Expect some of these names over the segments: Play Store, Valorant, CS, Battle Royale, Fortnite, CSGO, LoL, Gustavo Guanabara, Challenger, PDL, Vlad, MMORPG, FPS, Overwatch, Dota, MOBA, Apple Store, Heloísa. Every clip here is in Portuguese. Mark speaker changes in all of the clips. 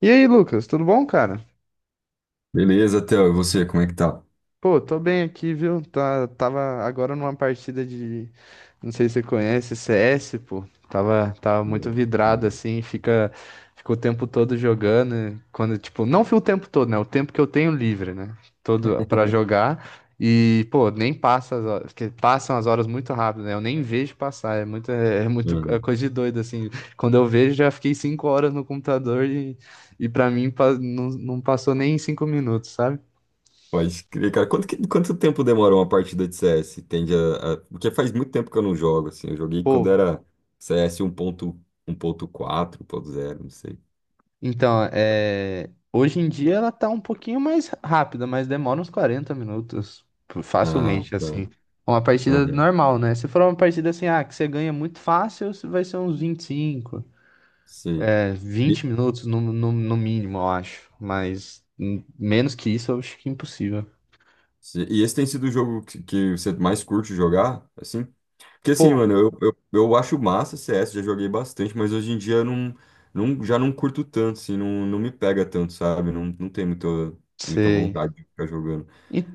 Speaker 1: E aí, Lucas, tudo bom, cara?
Speaker 2: Beleza, Theo, e você, como é que tá?
Speaker 1: Pô, tô bem aqui, viu? Tá, tava agora numa partida de, não sei se você conhece, CS, pô. Tava muito
Speaker 2: Beleza.
Speaker 1: vidrado assim, fica o tempo todo jogando, né? Quando tipo, não fui o tempo todo, né? O tempo que eu tenho livre, né? Todo pra jogar e, pô, nem passa as horas, porque passam as horas muito rápido, né? Eu nem vejo passar, é muito é
Speaker 2: Uhum.
Speaker 1: coisa de doido assim. Quando eu vejo, já fiquei 5 horas no computador e para mim não passou nem 5 minutos, sabe?
Speaker 2: Pode crer, cara. Quanto tempo demora uma partida de CS? Porque faz muito tempo que eu não jogo, assim. Eu joguei quando
Speaker 1: Pô.
Speaker 2: era CS ponto 1.4, 1.0, não sei.
Speaker 1: Então, hoje em dia ela tá um pouquinho mais rápida, mas demora uns 40 minutos,
Speaker 2: Ah,
Speaker 1: facilmente,
Speaker 2: tá.
Speaker 1: assim. Uma partida
Speaker 2: Aham,
Speaker 1: normal, né? Se for uma partida assim, ah, que você ganha muito fácil, você vai ser uns 25,
Speaker 2: sim.
Speaker 1: é, 20 minutos no mínimo, eu acho. Mas menos que isso, eu acho que é impossível.
Speaker 2: E esse tem sido o jogo que você mais curte jogar, assim? Porque assim,
Speaker 1: Pô.
Speaker 2: mano, eu acho massa CS, já joguei bastante, mas hoje em dia eu não, não, já não curto tanto, assim, não, não me pega tanto, sabe? Não, não tenho muita, muita
Speaker 1: Sei.
Speaker 2: vontade de ficar jogando.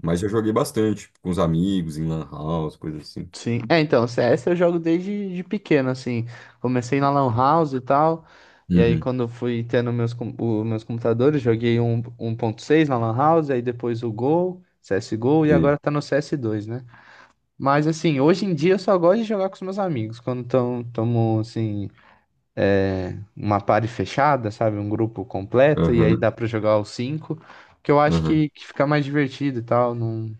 Speaker 2: Mas já joguei bastante, com os amigos, em lan house, coisas assim.
Speaker 1: Sim. É, então, CS eu jogo desde de pequeno, assim. Comecei na Lan House e tal. E aí,
Speaker 2: Uhum.
Speaker 1: quando eu fui tendo meus computadores, joguei um 1.6 na Lan House, aí depois o Go, CSGO, e agora
Speaker 2: Sim.
Speaker 1: tá no CS2, né? Mas, assim, hoje em dia eu só gosto de jogar com os meus amigos. Quando tamo, assim, é, uma party fechada, sabe? Um grupo completo, e aí dá
Speaker 2: Aham,
Speaker 1: pra jogar os cinco, que eu acho
Speaker 2: aham.
Speaker 1: que fica mais divertido e tal. Não,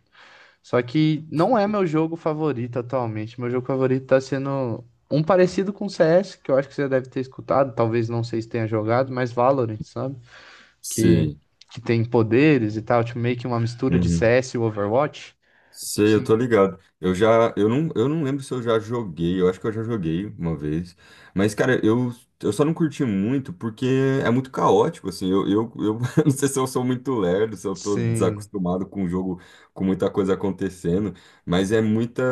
Speaker 1: só que não é meu jogo favorito atualmente. Meu jogo favorito tá sendo um parecido com CS, que eu acho que você deve ter escutado, talvez não sei se tenha jogado, mas Valorant, sabe? Que,
Speaker 2: Sim.
Speaker 1: que tem poderes e tal, tipo, meio que uma mistura de CS e Overwatch.
Speaker 2: Sei, eu
Speaker 1: Sim,
Speaker 2: tô ligado. Eu não lembro se eu já joguei, eu acho que eu já joguei uma vez. Mas, cara, eu só não curti muito porque é muito caótico, assim. Eu não sei se eu sou muito lerdo, se eu tô
Speaker 1: sim,
Speaker 2: desacostumado com o jogo, com muita coisa acontecendo, mas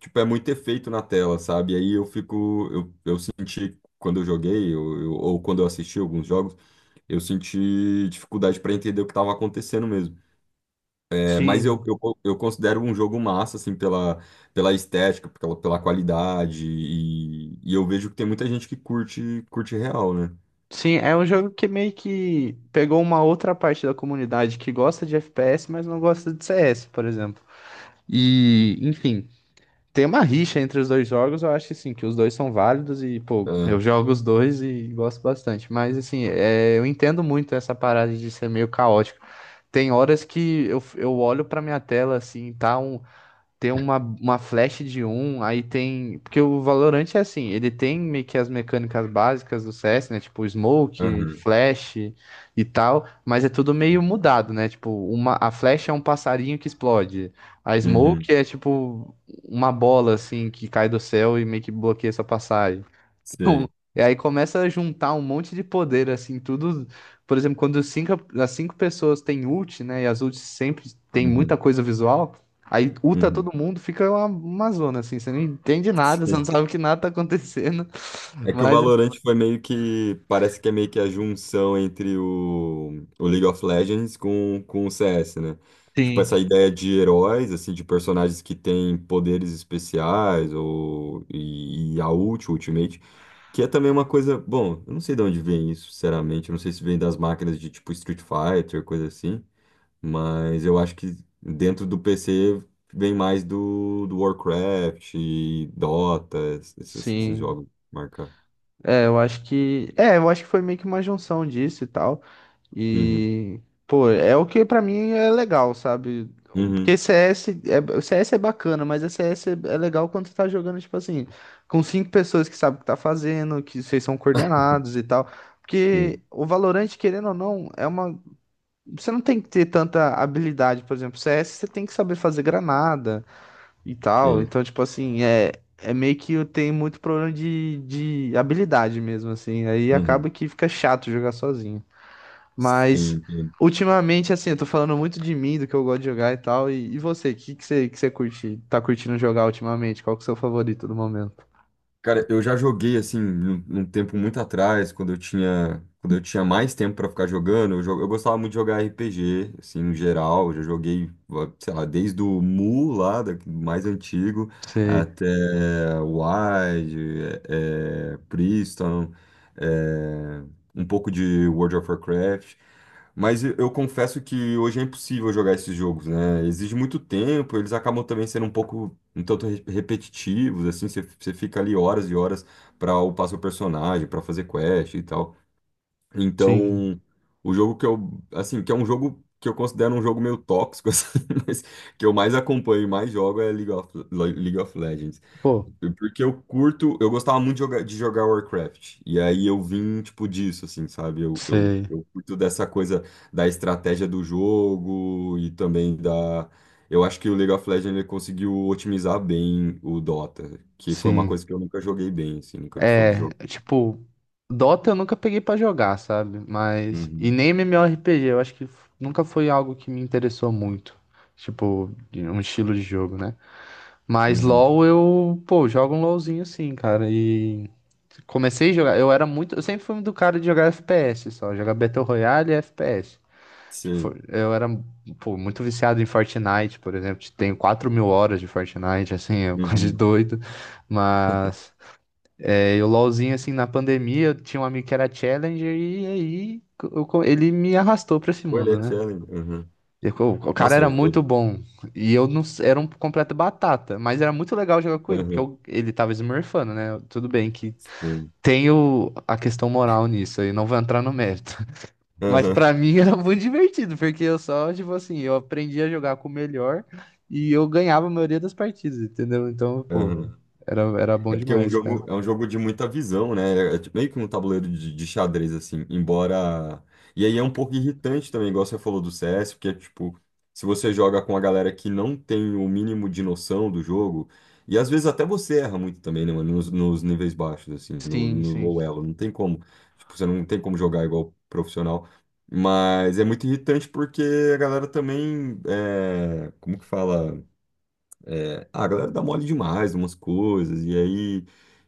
Speaker 2: tipo, é muito efeito na tela, sabe? E aí eu fico, eu senti quando eu joguei, ou quando eu assisti alguns jogos, eu senti dificuldade para entender o que estava acontecendo mesmo. É, mas
Speaker 1: sim.
Speaker 2: eu considero um jogo massa, assim, pela estética, pela qualidade, e eu vejo que tem muita gente que curte real, né?
Speaker 1: Sim, é um jogo que meio que pegou uma outra parte da comunidade que gosta de FPS, mas não gosta de CS, por exemplo. E, enfim, tem uma rixa entre os dois jogos, eu acho assim, que os dois são válidos e, pô, eu
Speaker 2: Ah.
Speaker 1: jogo os dois e gosto bastante. Mas, assim, é, eu entendo muito essa parada de ser meio caótico. Tem horas que eu olho pra minha tela, assim, tem uma flash de um, aí tem. Porque o Valorant é assim, ele tem meio que as mecânicas básicas do CS, né? Tipo, smoke,
Speaker 2: Aham.
Speaker 1: flash e tal, mas é tudo meio mudado, né? Tipo, a flash é um passarinho que explode. A
Speaker 2: Uhum. Uhum.
Speaker 1: smoke é tipo uma bola assim que cai do céu e meio que bloqueia sua passagem.
Speaker 2: Sei.
Speaker 1: E aí começa a juntar um monte de poder, assim, tudo. Por exemplo, quando as 5 pessoas têm ult, né? E as ults sempre tem muita
Speaker 2: Uhum.
Speaker 1: coisa visual. Aí ulta
Speaker 2: Uhum.
Speaker 1: todo mundo, fica uma zona, assim. Você não entende nada, você não sabe que nada tá acontecendo.
Speaker 2: É que o
Speaker 1: Mas,
Speaker 2: Valorant foi meio que. Parece que é meio que a junção entre o League of Legends com o CS, né? Tipo,
Speaker 1: assim,
Speaker 2: essa ideia de heróis, assim, de personagens que têm poderes especiais ou, e a ult, o Ultimate, que é também uma coisa. Bom, eu não sei de onde vem isso, sinceramente. Eu não sei se vem das máquinas de tipo Street Fighter, coisa assim. Mas eu acho que dentro do PC vem mais do Warcraft e Dota, esses
Speaker 1: sim.
Speaker 2: jogos marcados.
Speaker 1: É, eu acho que foi meio que uma junção disso e tal.
Speaker 2: Uhum.
Speaker 1: E, pô, é o que pra mim é legal, sabe?
Speaker 2: Uhum.
Speaker 1: Porque CS é, o CS é bacana, mas a CS é legal quando você tá jogando, tipo assim, com cinco pessoas que sabem o que tá fazendo, que vocês são coordenados e tal.
Speaker 2: Sim.
Speaker 1: Porque o Valorant, querendo ou não, é uma. Você não tem que ter tanta habilidade, por exemplo, CS, você tem que saber fazer granada e tal.
Speaker 2: Sim.
Speaker 1: Então, tipo assim, é meio que tem muito problema de habilidade mesmo, assim. Aí
Speaker 2: Uhum.
Speaker 1: acaba que fica chato jogar sozinho. Mas
Speaker 2: Sim.
Speaker 1: ultimamente, assim, eu tô falando muito de mim, do que eu gosto de jogar e tal. E você, o que que você curte, tá curtindo jogar ultimamente? Qual que é o seu favorito do momento?
Speaker 2: Cara, eu já joguei assim num tempo muito atrás, quando eu tinha mais tempo pra ficar jogando, eu gostava muito de jogar RPG, assim, no geral, eu já joguei, sei lá, desde o Mu lá, mais antigo,
Speaker 1: Sei,
Speaker 2: até Wide, Priston, é, um pouco de World of Warcraft. Mas eu confesso que hoje é impossível jogar esses jogos, né? Exige muito tempo, eles acabam também sendo um pouco um tanto repetitivos, assim, você fica ali horas e horas para upar seu personagem, para fazer quest e tal.
Speaker 1: sim,
Speaker 2: Então, o jogo que eu, assim, que é um jogo que eu considero um jogo meio tóxico, assim, mas que eu mais acompanho e mais jogo é League of Legends.
Speaker 1: pô,
Speaker 2: Porque eu curto, eu gostava muito de jogar Warcraft. E aí eu vim, tipo, disso, assim, sabe? Eu, eu,
Speaker 1: sei,
Speaker 2: eu curto dessa coisa da estratégia do jogo e também da. Eu acho que o League of Legends ele conseguiu otimizar bem o Dota, que foi uma
Speaker 1: sim.
Speaker 2: coisa que eu nunca joguei bem, assim, nunca soube
Speaker 1: É,
Speaker 2: jogar.
Speaker 1: tipo, Dota eu nunca peguei pra jogar, sabe? Mas. E
Speaker 2: Uhum.
Speaker 1: nem MMORPG, eu acho que nunca foi algo que me interessou muito. Tipo, de um estilo de jogo, né? Mas
Speaker 2: Uhum.
Speaker 1: LoL eu, pô, jogo um LoLzinho assim, cara. E comecei a jogar, eu era muito, eu sempre fui do cara de jogar FPS só, jogar Battle Royale e FPS. Tipo,
Speaker 2: Sim.
Speaker 1: eu era, pô, muito viciado em Fortnite, por exemplo, tenho 4.000 horas de Fortnite, assim, é coisa de
Speaker 2: Uhum.
Speaker 1: doido, mas é, eu LoLzinho, assim, na pandemia, eu tinha um amigo que era Challenger e aí ele me arrastou pra esse
Speaker 2: Pô, ele
Speaker 1: mundo,
Speaker 2: é
Speaker 1: né?
Speaker 2: challenge. Uhum.
Speaker 1: E o cara
Speaker 2: Nossa,
Speaker 1: era
Speaker 2: eu.
Speaker 1: muito bom e eu não s- era um completo batata, mas era muito legal jogar com ele, porque
Speaker 2: Aham,
Speaker 1: ele tava smurfando, né? Tudo bem que
Speaker 2: sim.
Speaker 1: tem a questão moral nisso aí, não vou entrar no mérito. Mas
Speaker 2: Aham,
Speaker 1: pra mim era muito divertido, porque eu só, tipo assim, eu aprendi a jogar com o melhor e eu ganhava a maioria das partidas, entendeu? Então, pô.
Speaker 2: aham.
Speaker 1: Aham. Era bom
Speaker 2: É porque
Speaker 1: demais, cara.
Speaker 2: é um
Speaker 1: Divertido.
Speaker 2: jogo de muita visão, né? É meio que um tabuleiro de xadrez, assim, embora. E aí é um pouco irritante também, igual você falou do CS, porque, tipo, se você joga com a galera que não tem o mínimo de noção do jogo, e às vezes até você erra muito também, né, mano? Nos níveis baixos, assim, no,
Speaker 1: Sim,
Speaker 2: no
Speaker 1: sim.
Speaker 2: low elo. Não tem como. Tipo, você não tem como jogar igual profissional. Mas é muito irritante porque a galera também. É, como que fala? É, ah, a galera dá mole demais, umas coisas, e aí,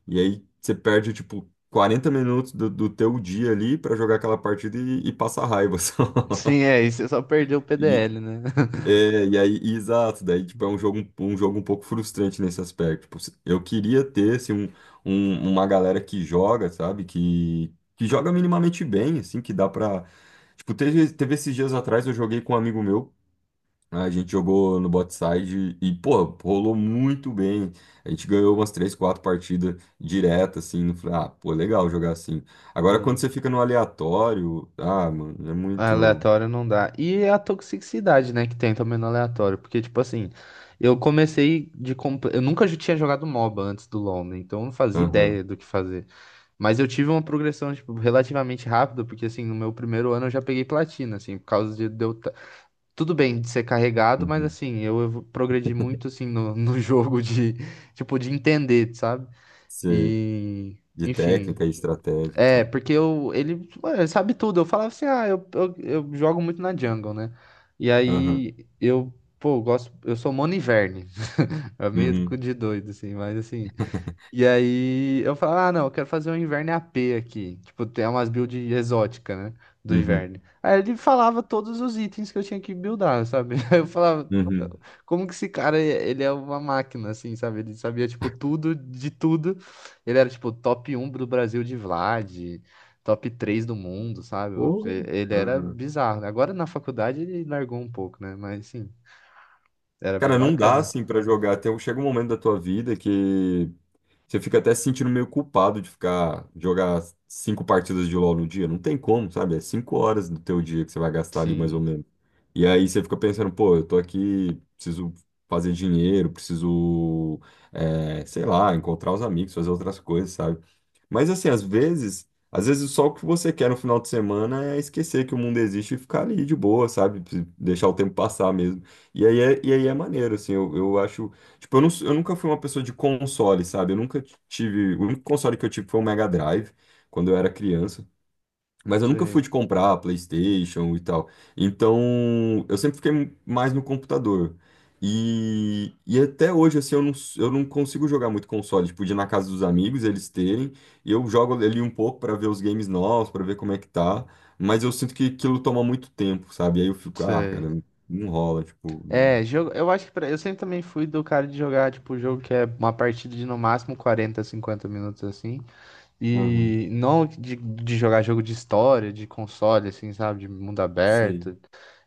Speaker 2: você perde, tipo, 40 minutos do teu dia ali pra jogar aquela partida e passa raiva só.
Speaker 1: Sim, é, e você só perdeu o
Speaker 2: E,
Speaker 1: PDL, né?
Speaker 2: é, e aí, e exato, daí, tipo, é um jogo, um jogo um pouco frustrante nesse aspecto. Tipo, eu queria ter, assim, um, uma galera que joga, sabe, que joga minimamente bem, assim, que dá pra... Tipo, teve esses dias atrás, eu joguei com um amigo meu, né, a gente jogou no Botside e, pô, rolou muito bem. A gente ganhou umas três, quatro partidas direto, assim. Eu falei, ah, pô, legal jogar assim. Agora, quando
Speaker 1: Sim.
Speaker 2: você fica no aleatório, ah, mano, é muito.
Speaker 1: Aleatório não dá. E a toxicidade, né, que tem também no aleatório. Porque, tipo assim, eu comecei Eu nunca tinha jogado MOBA antes do LoL, né? Então eu não fazia ideia
Speaker 2: Aham.
Speaker 1: do que fazer. Mas eu tive uma progressão, tipo, relativamente rápida, porque, assim, no meu primeiro ano eu já peguei platina, assim, por causa de. Tudo bem de ser carregado, mas,
Speaker 2: Uhum.
Speaker 1: assim, eu progredi muito, assim, no jogo de, tipo, de entender, sabe?
Speaker 2: Sei.
Speaker 1: E,
Speaker 2: De
Speaker 1: enfim.
Speaker 2: técnica e estratégia,
Speaker 1: É,
Speaker 2: então.
Speaker 1: porque ele, ué, sabe tudo. Eu falava assim, ah, eu jogo muito na jungle, né? E
Speaker 2: Aham.
Speaker 1: aí, eu, pô, eu gosto. Eu sou mono inverne. É meio
Speaker 2: Uhum.
Speaker 1: de doido, assim, mas, assim. E aí eu falo, ah, não, eu quero fazer um inverno AP aqui. Tipo, tem umas builds exóticas, né? Do
Speaker 2: Uhum.
Speaker 1: inverno. Aí ele falava todos os itens que eu tinha que buildar, sabe? Aí eu falava,
Speaker 2: Uhum.
Speaker 1: como que esse cara, ele é uma máquina, assim, sabe? Ele sabia, tipo, tudo de tudo. Ele era, tipo, top um do Brasil de Vlad, top 3 do mundo, sabe?
Speaker 2: Porra.
Speaker 1: Ele era
Speaker 2: Aham.
Speaker 1: bizarro, né? Agora na faculdade ele largou um pouco, né? Mas, sim, era bem
Speaker 2: Cara, não dá,
Speaker 1: bacana.
Speaker 2: assim, pra jogar. Chega um momento da tua vida que você fica até se sentindo meio culpado de ficar, de jogar cinco partidas de LoL no dia. Não tem como, sabe? É 5 horas do teu dia que você vai gastar ali mais ou
Speaker 1: Sim,
Speaker 2: menos. E aí você fica pensando, pô, eu tô aqui, preciso fazer dinheiro, preciso, é, sei lá, encontrar os amigos, fazer outras coisas, sabe? Mas assim, às vezes só o que você quer no final de semana é esquecer que o mundo existe e ficar ali de boa, sabe? Deixar o tempo passar mesmo. E aí é maneiro, assim, eu acho. Tipo, eu, eu nunca fui uma pessoa de console, sabe? Eu nunca tive. O único console que eu tive foi o Mega Drive, quando eu era criança. Mas eu nunca
Speaker 1: sei,
Speaker 2: fui de comprar PlayStation e tal. Então, eu sempre fiquei mais no computador. E até hoje, assim, eu não consigo jogar muito console. Tipo, de ir na casa dos amigos, eles terem. E eu jogo ali um pouco pra ver os games novos, pra ver como é que tá. Mas eu sinto que aquilo toma muito tempo, sabe? Aí eu fico, ah,
Speaker 1: sei.
Speaker 2: cara, não rola, tipo.
Speaker 1: É, jogo, eu acho que eu sempre também fui do cara de jogar, tipo, jogo que é uma partida de no máximo 40, 50 minutos assim.
Speaker 2: Aham,
Speaker 1: E não de jogar jogo de história, de console, assim, sabe? De mundo
Speaker 2: sim.
Speaker 1: aberto.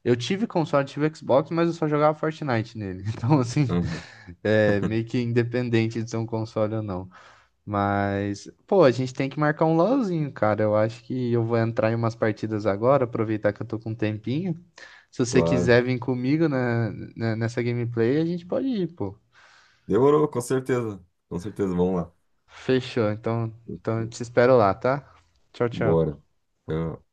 Speaker 1: Eu tive console, tive Xbox, mas eu só jogava Fortnite nele. Então, assim,
Speaker 2: Uhum.
Speaker 1: é meio que independente de ser um console ou não. Mas, pô, a gente tem que marcar um LOLzinho, cara. Eu acho que eu vou entrar em umas partidas agora, aproveitar que eu tô com um tempinho. Se você quiser
Speaker 2: Claro.
Speaker 1: vir comigo na, nessa gameplay, a gente pode ir, pô.
Speaker 2: Demorou, com certeza. Com certeza, vamos lá.
Speaker 1: Fechou. Então, eu te espero lá, tá? Tchau, tchau.
Speaker 2: Bora. Já-